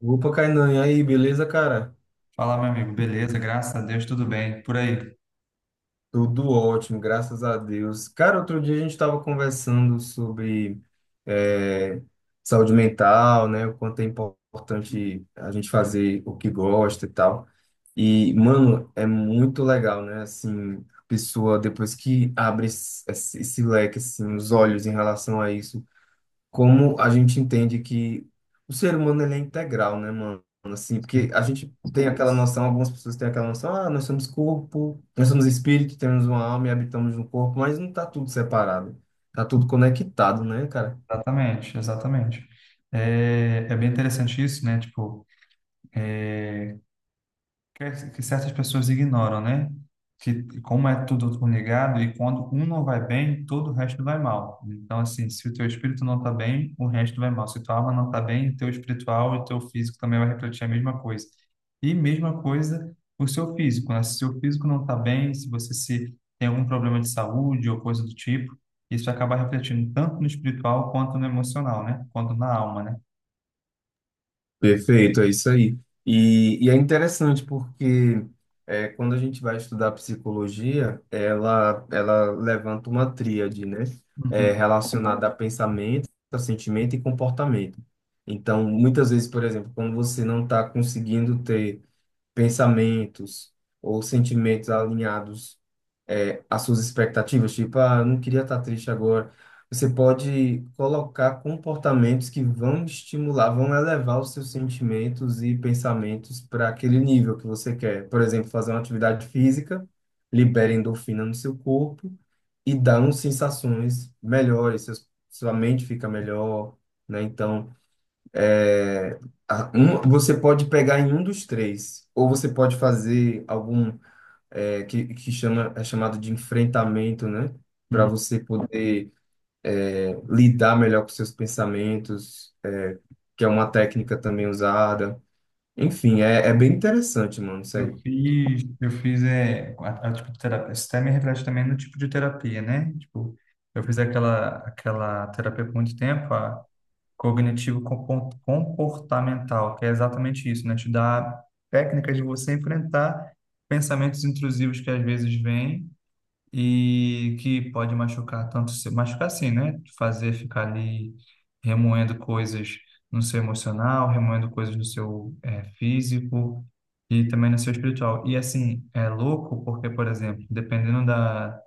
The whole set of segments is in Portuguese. Opa, Kainan, e aí, beleza, cara? Fala, meu amigo, beleza? Graças a Deus, tudo bem. Por aí. Tudo ótimo, graças a Deus. Cara, outro dia a gente estava conversando sobre eh, saúde mental, né? O quanto é importante a gente fazer o que gosta e tal. E, mano, é muito legal, né? Assim, a pessoa, depois que abre esse leque, assim, os olhos em relação a isso, como a gente entende que o ser humano ele é integral, né, mano? Assim, porque a gente tem aquela noção, algumas pessoas têm aquela noção, ah, nós somos corpo, nós somos espírito, temos uma alma e habitamos no corpo, mas não tá tudo separado, tá tudo conectado, né, cara? Exatamente, exatamente. É bem interessante isso, né? Tipo, é, que certas pessoas ignoram, né? Que como é tudo ligado e quando um não vai bem, todo o resto vai mal. Então, assim, se o teu espírito não está bem, o resto vai mal. Se tua alma não está bem, o teu espiritual e o teu físico também vai refletir a mesma coisa. E mesma coisa o seu físico, né? Se o seu físico não está bem, se você se tem algum problema de saúde ou coisa do tipo, isso acaba refletindo tanto no espiritual quanto no emocional, né? Quanto na alma, né? Perfeito, é isso aí. E é interessante porque é, quando a gente vai estudar psicologia, ela levanta uma tríade, né? É, Uhum, relacionada a pensamento, a sentimento e comportamento. Então, muitas vezes, por exemplo, quando você não está conseguindo ter pensamentos ou sentimentos alinhados é, as suas expectativas, tipo, ah, eu não queria estar triste agora. Você pode colocar comportamentos que vão estimular, vão elevar os seus sentimentos e pensamentos para aquele nível que você quer. Por exemplo, fazer uma atividade física, libera endorfina no seu corpo e dá uns sensações melhores, sua mente fica melhor, né? Então, é, a- um, você pode pegar em um dos três, ou você pode fazer algum é, que chama, é chamado de enfrentamento, né? Para uhum. você poder é, lidar melhor com seus pensamentos, que é uma técnica também usada. Enfim, é, é bem interessante, mano, Eu sério. fiz, eu fiz tipo, de terapia. Isso até me reflete também no tipo de terapia, né? Tipo, eu fiz aquela terapia por muito tempo, a cognitivo comportamental, que é exatamente isso, né? Te dá técnicas de você enfrentar pensamentos intrusivos que às vezes vêm e que pode machucar tanto, se machucar sim, né? Fazer ficar ali remoendo coisas no seu emocional, remoendo coisas no seu físico e também no seu espiritual. E assim, é louco porque, por exemplo, dependendo da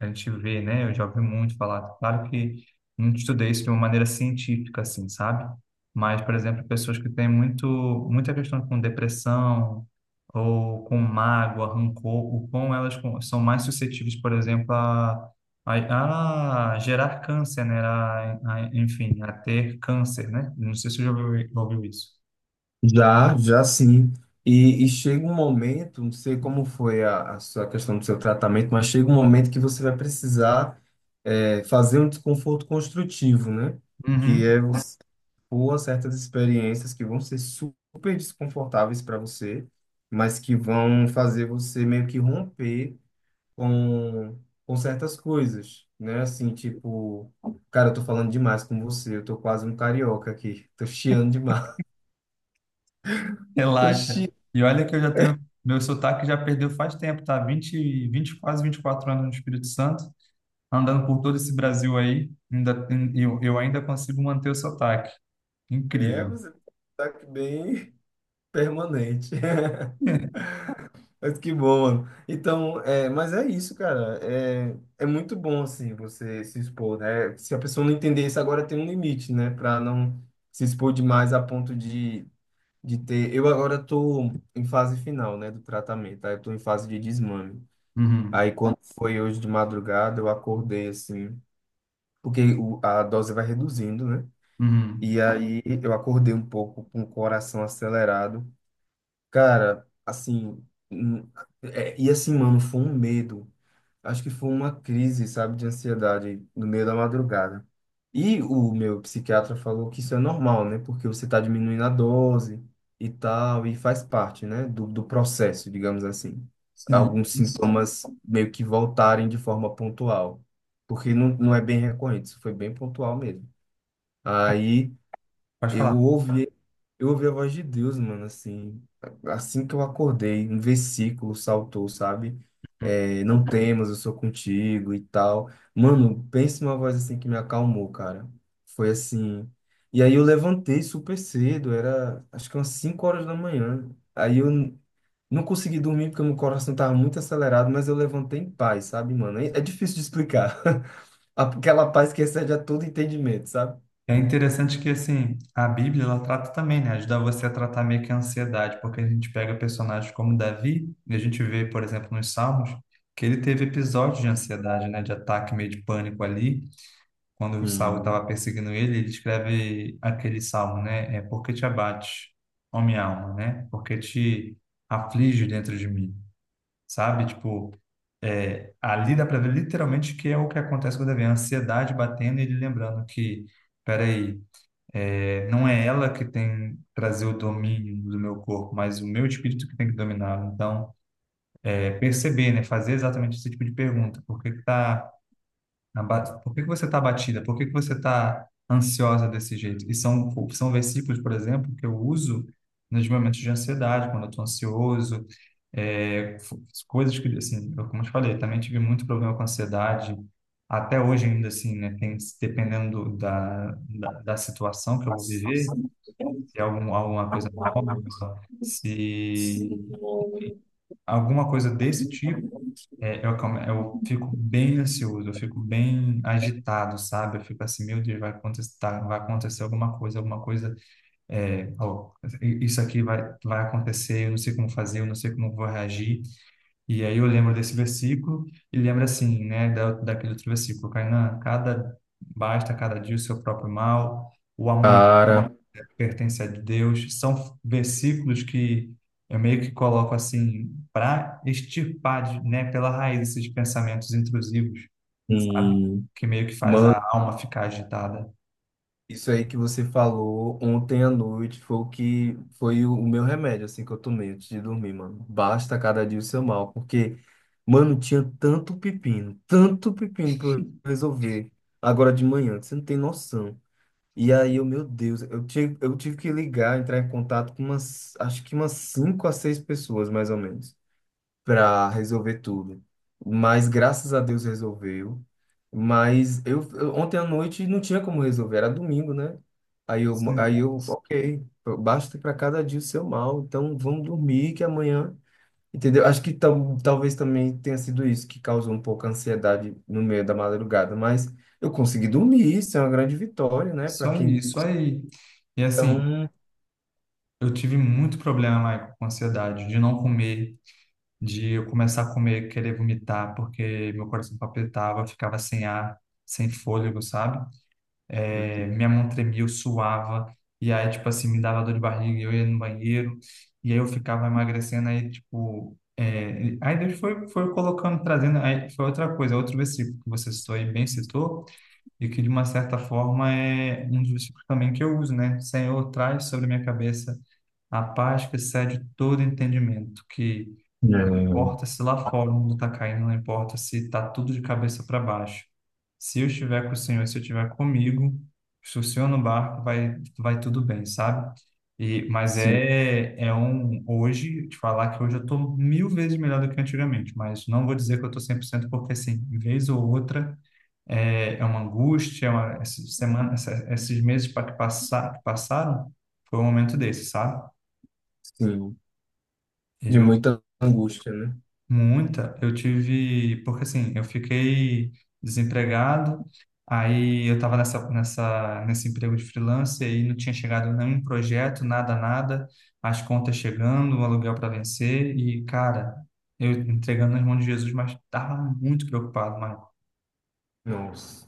a gente vê, né? Eu já ouvi muito falar. Claro que não estudei isso de uma maneira científica, assim, sabe? Mas, por exemplo, pessoas que têm muito, muita questão com depressão ou com mágoa, rancor, o quão elas são mais suscetíveis, por exemplo, a, a gerar câncer, né? Enfim, a ter câncer, né? Não sei se você já ouviu isso. Já, já sim. E chega um momento, não sei como foi a sua questão do seu tratamento, mas chega um momento que você vai precisar é, fazer um desconforto construtivo, né? Que Uhum, é por certas experiências que vão ser super desconfortáveis para você, mas que vão fazer você meio que romper com, com certas coisas, né? Assim, tipo, cara, eu tô falando demais com você, eu tô quase um carioca aqui, tô chiando demais. Tô relaxa. chiando. E olha que eu já tenho. Meu sotaque já perdeu faz tempo, tá? 20, 20 quase 24 anos no Espírito Santo, andando por todo esse Brasil aí, ainda, eu ainda consigo manter o sotaque. É, Incrível. você tá aqui bem permanente. Mas que bom, mano. Então, é, mas é isso, cara. É, é muito bom, assim, você se expor, né? Se a pessoa não entender isso agora, tem um limite, né? Pra não se expor demais a ponto de ter. Eu agora tô em fase final, né, do tratamento. Aí eu tô em fase de desmame. Uhum, Aí quando foi hoje de madrugada, eu acordei, assim, porque a dose vai reduzindo, né? uhum. E aí eu acordei um pouco com o coração acelerado. Cara, assim. hum, é, e assim, mano, foi um medo. Acho que foi uma crise, sabe, de ansiedade no meio da madrugada. E o meu psiquiatra falou que isso é normal, né? Porque você está diminuindo a dose e tal, e faz parte, né, do processo, digamos assim. Sim. Alguns sintomas meio que voltarem de forma pontual, porque não é bem recorrente, isso foi bem pontual mesmo. Aí Pode eu falar. ouvi eu ouvi a voz de Deus, mano, assim, assim que eu acordei, um versículo saltou, sabe? É, não temas, eu sou contigo e tal. Mano, pensa numa voz assim que me acalmou, cara. Foi assim. E aí eu levantei super cedo, era acho que umas 5 horas da manhã. Aí não consegui dormir porque meu coração tava muito acelerado, mas eu levantei em paz, sabe, mano? É é difícil de explicar. Aquela paz que excede a todo entendimento, sabe? É interessante que, assim, a Bíblia, ela trata também, né? Ajuda você a tratar meio que a ansiedade, porque a gente pega personagens como Davi, e a gente vê, por exemplo, nos Salmos, que ele teve episódios de ansiedade, né? De ataque, meio de pânico ali, quando o Saul estava Hum. perseguindo ele, ele escreve aquele salmo, né? É porque te abate, ó minha alma, né? Porque te aflige dentro de mim, sabe? Tipo, ali dá para ver literalmente que é o que acontece com o Davi, a ansiedade batendo e ele lembrando que, peraí, não é ela que tem trazer o domínio do meu corpo, mas o meu espírito que tem que dominar. Então, perceber, né? Fazer exatamente esse tipo de pergunta: por que que você está abatida? Por que que você está ansiosa desse jeito? E são versículos, por exemplo, que eu uso nos momentos de ansiedade, quando eu estou ansioso. é, fo- Coisas que, assim, como eu te falei, também tive muito problema com ansiedade, até hoje ainda assim, né, tem, dependendo da, da situação que eu vou viver, se é alguma coisa nova, se alguma coisa desse tipo, eu fico bem ansioso, eu fico bem agitado, sabe? Eu fico assim, meu Deus, vai acontecer, tá, vai acontecer alguma coisa, é, ó, isso aqui vai, acontecer, eu não sei como fazer, eu não sei como vou reagir. E aí eu lembro desse versículo e lembro assim, né, daquele outro versículo, Kainan: basta cada dia o seu próprio mal, o amanhã Cara, pertence a Deus. São versículos que eu meio que coloco assim para extirpar, né, pela raiz esses pensamentos intrusivos, sabe? hum, Que meio que faz a alma ficar agitada. isso aí que você falou ontem à noite foi o que foi o meu remédio, assim, que eu tomei antes de dormir, mano. Basta cada dia o seu mal, porque, mano, tinha tanto pepino pra eu resolver agora de manhã, que você não tem noção. E aí, eu, meu Deus, eu tive que ligar, entrar em contato com umas, acho que umas cinco a seis pessoas, mais ou menos para resolver tudo. Mas graças a Deus resolveu. Mas ontem à noite não tinha como resolver, era domingo, né? Aí eu, Sim, aí eu, ok, basta para cada dia o seu mal, então vamos dormir que amanhã, entendeu? Acho que tam, talvez também tenha sido isso que causou um pouco a ansiedade no meio da madrugada, mas eu consegui dormir, isso é uma grande vitória, né? isso Para aí, quem isso aí. E assim, tão, eu tive muito problema, Maicon, com ansiedade, de não comer, de eu começar a comer, querer vomitar, porque meu coração palpitava, eu ficava sem ar, sem fôlego, sabe? Meu Deus. Minha mão tremia, eu suava, e aí, tipo assim, me dava dor de barriga, e eu ia no banheiro, e aí eu ficava emagrecendo. Aí, tipo, aí Deus foi, colocando, trazendo. Aí foi outra coisa, outro versículo que você citou aí, bem citou, e que de uma certa forma é um dos versículos também que eu uso, né? Senhor, traz sobre a minha cabeça a paz que excede todo entendimento, que É, importa se lá fora o mundo tá caindo, não importa se tá tudo de cabeça para baixo. Se eu estiver com o Senhor, se eu estiver comigo, se o Senhor no barco, vai, tudo bem, sabe? E mas sim, é um. Hoje, te falar que hoje eu tô mil vezes melhor do que antigamente, mas não vou dizer que eu tô 100%, porque assim, vez ou outra, é uma angústia, essa semana, esses meses que passaram, foi um momento desse, sabe? sim, de Eu muita angústia, né? Muita. Eu tive, porque assim, eu fiquei desempregado, aí eu estava nesse emprego de freelance, aí não tinha chegado nenhum projeto, nada, nada, as contas chegando, o aluguel para vencer, e cara, eu entregando nas mãos de Jesus, mas estava muito preocupado, mano. Nossa.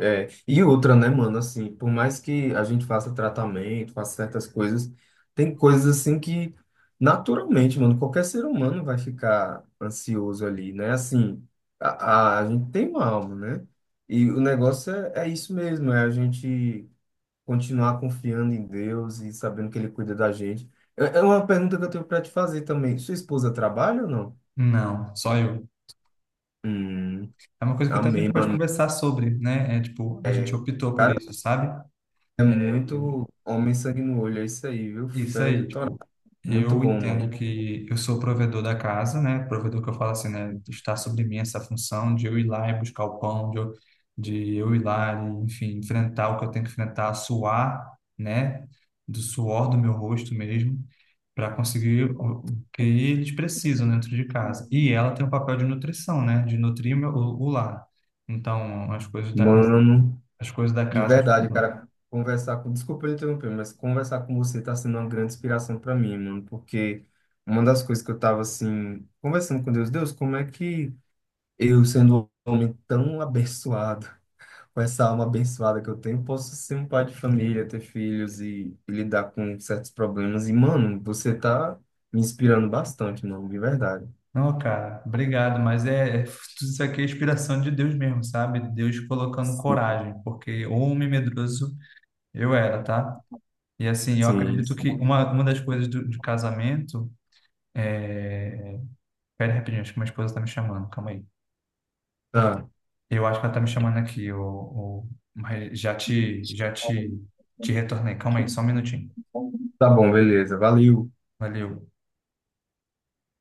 É, e outra, né, mano, assim, por mais que a gente faça tratamento, faça certas coisas, tem coisas assim que naturalmente, mano, qualquer ser humano vai ficar ansioso ali, né? Assim, a gente tem uma alma, né? E o negócio é, é isso mesmo, é a gente continuar confiando em Deus e sabendo que Ele cuida da gente. É é uma pergunta que eu tenho pra te fazer também. Sua esposa trabalha ou não? Não, só eu. Hum, É uma coisa que até a amém, gente pode mano. conversar sobre, né? É, tipo, a gente optou por isso, sabe? É muito homem sangue no olho, é isso aí, viu? Isso Fé de aí, torá. tipo, Muito eu bom, entendo mano. que eu sou o provedor da casa, né? Provedor que eu falo assim, né? Está sobre mim essa função de eu ir lá e buscar o pão, de eu ir lá e, enfim, enfrentar o que eu tenho que enfrentar, suar, né? Do suor do meu rosto mesmo, para conseguir o que eles precisam dentro de casa. E ela tem o papel de nutrição, né? De nutrir o lar. Então, Mano, as coisas da de casa. verdade, cara, conversar com. Desculpa eu interromper, mas conversar com você tá sendo uma grande inspiração para mim, mano, porque uma das coisas que eu tava assim, conversando com Deus, Deus, como é que eu, sendo um homem tão abençoado, com essa alma abençoada que eu tenho, posso ser um pai de família, ter filhos e lidar com certos problemas? E, mano, você tá me inspirando bastante, mano, de verdade. Não, cara, obrigado, mas tudo isso aqui é inspiração de Deus mesmo, sabe? Deus colocando coragem, porque homem medroso eu era, tá? E assim, eu Sim, acredito que sim. uma das coisas de casamento é... Pera rapidinho, acho que minha esposa tá me chamando, calma aí. Tá, Eu acho que ela tá me chamando aqui, mas já te retornei, calma aí, só um minutinho. tá bom, beleza. Valeu. Valeu.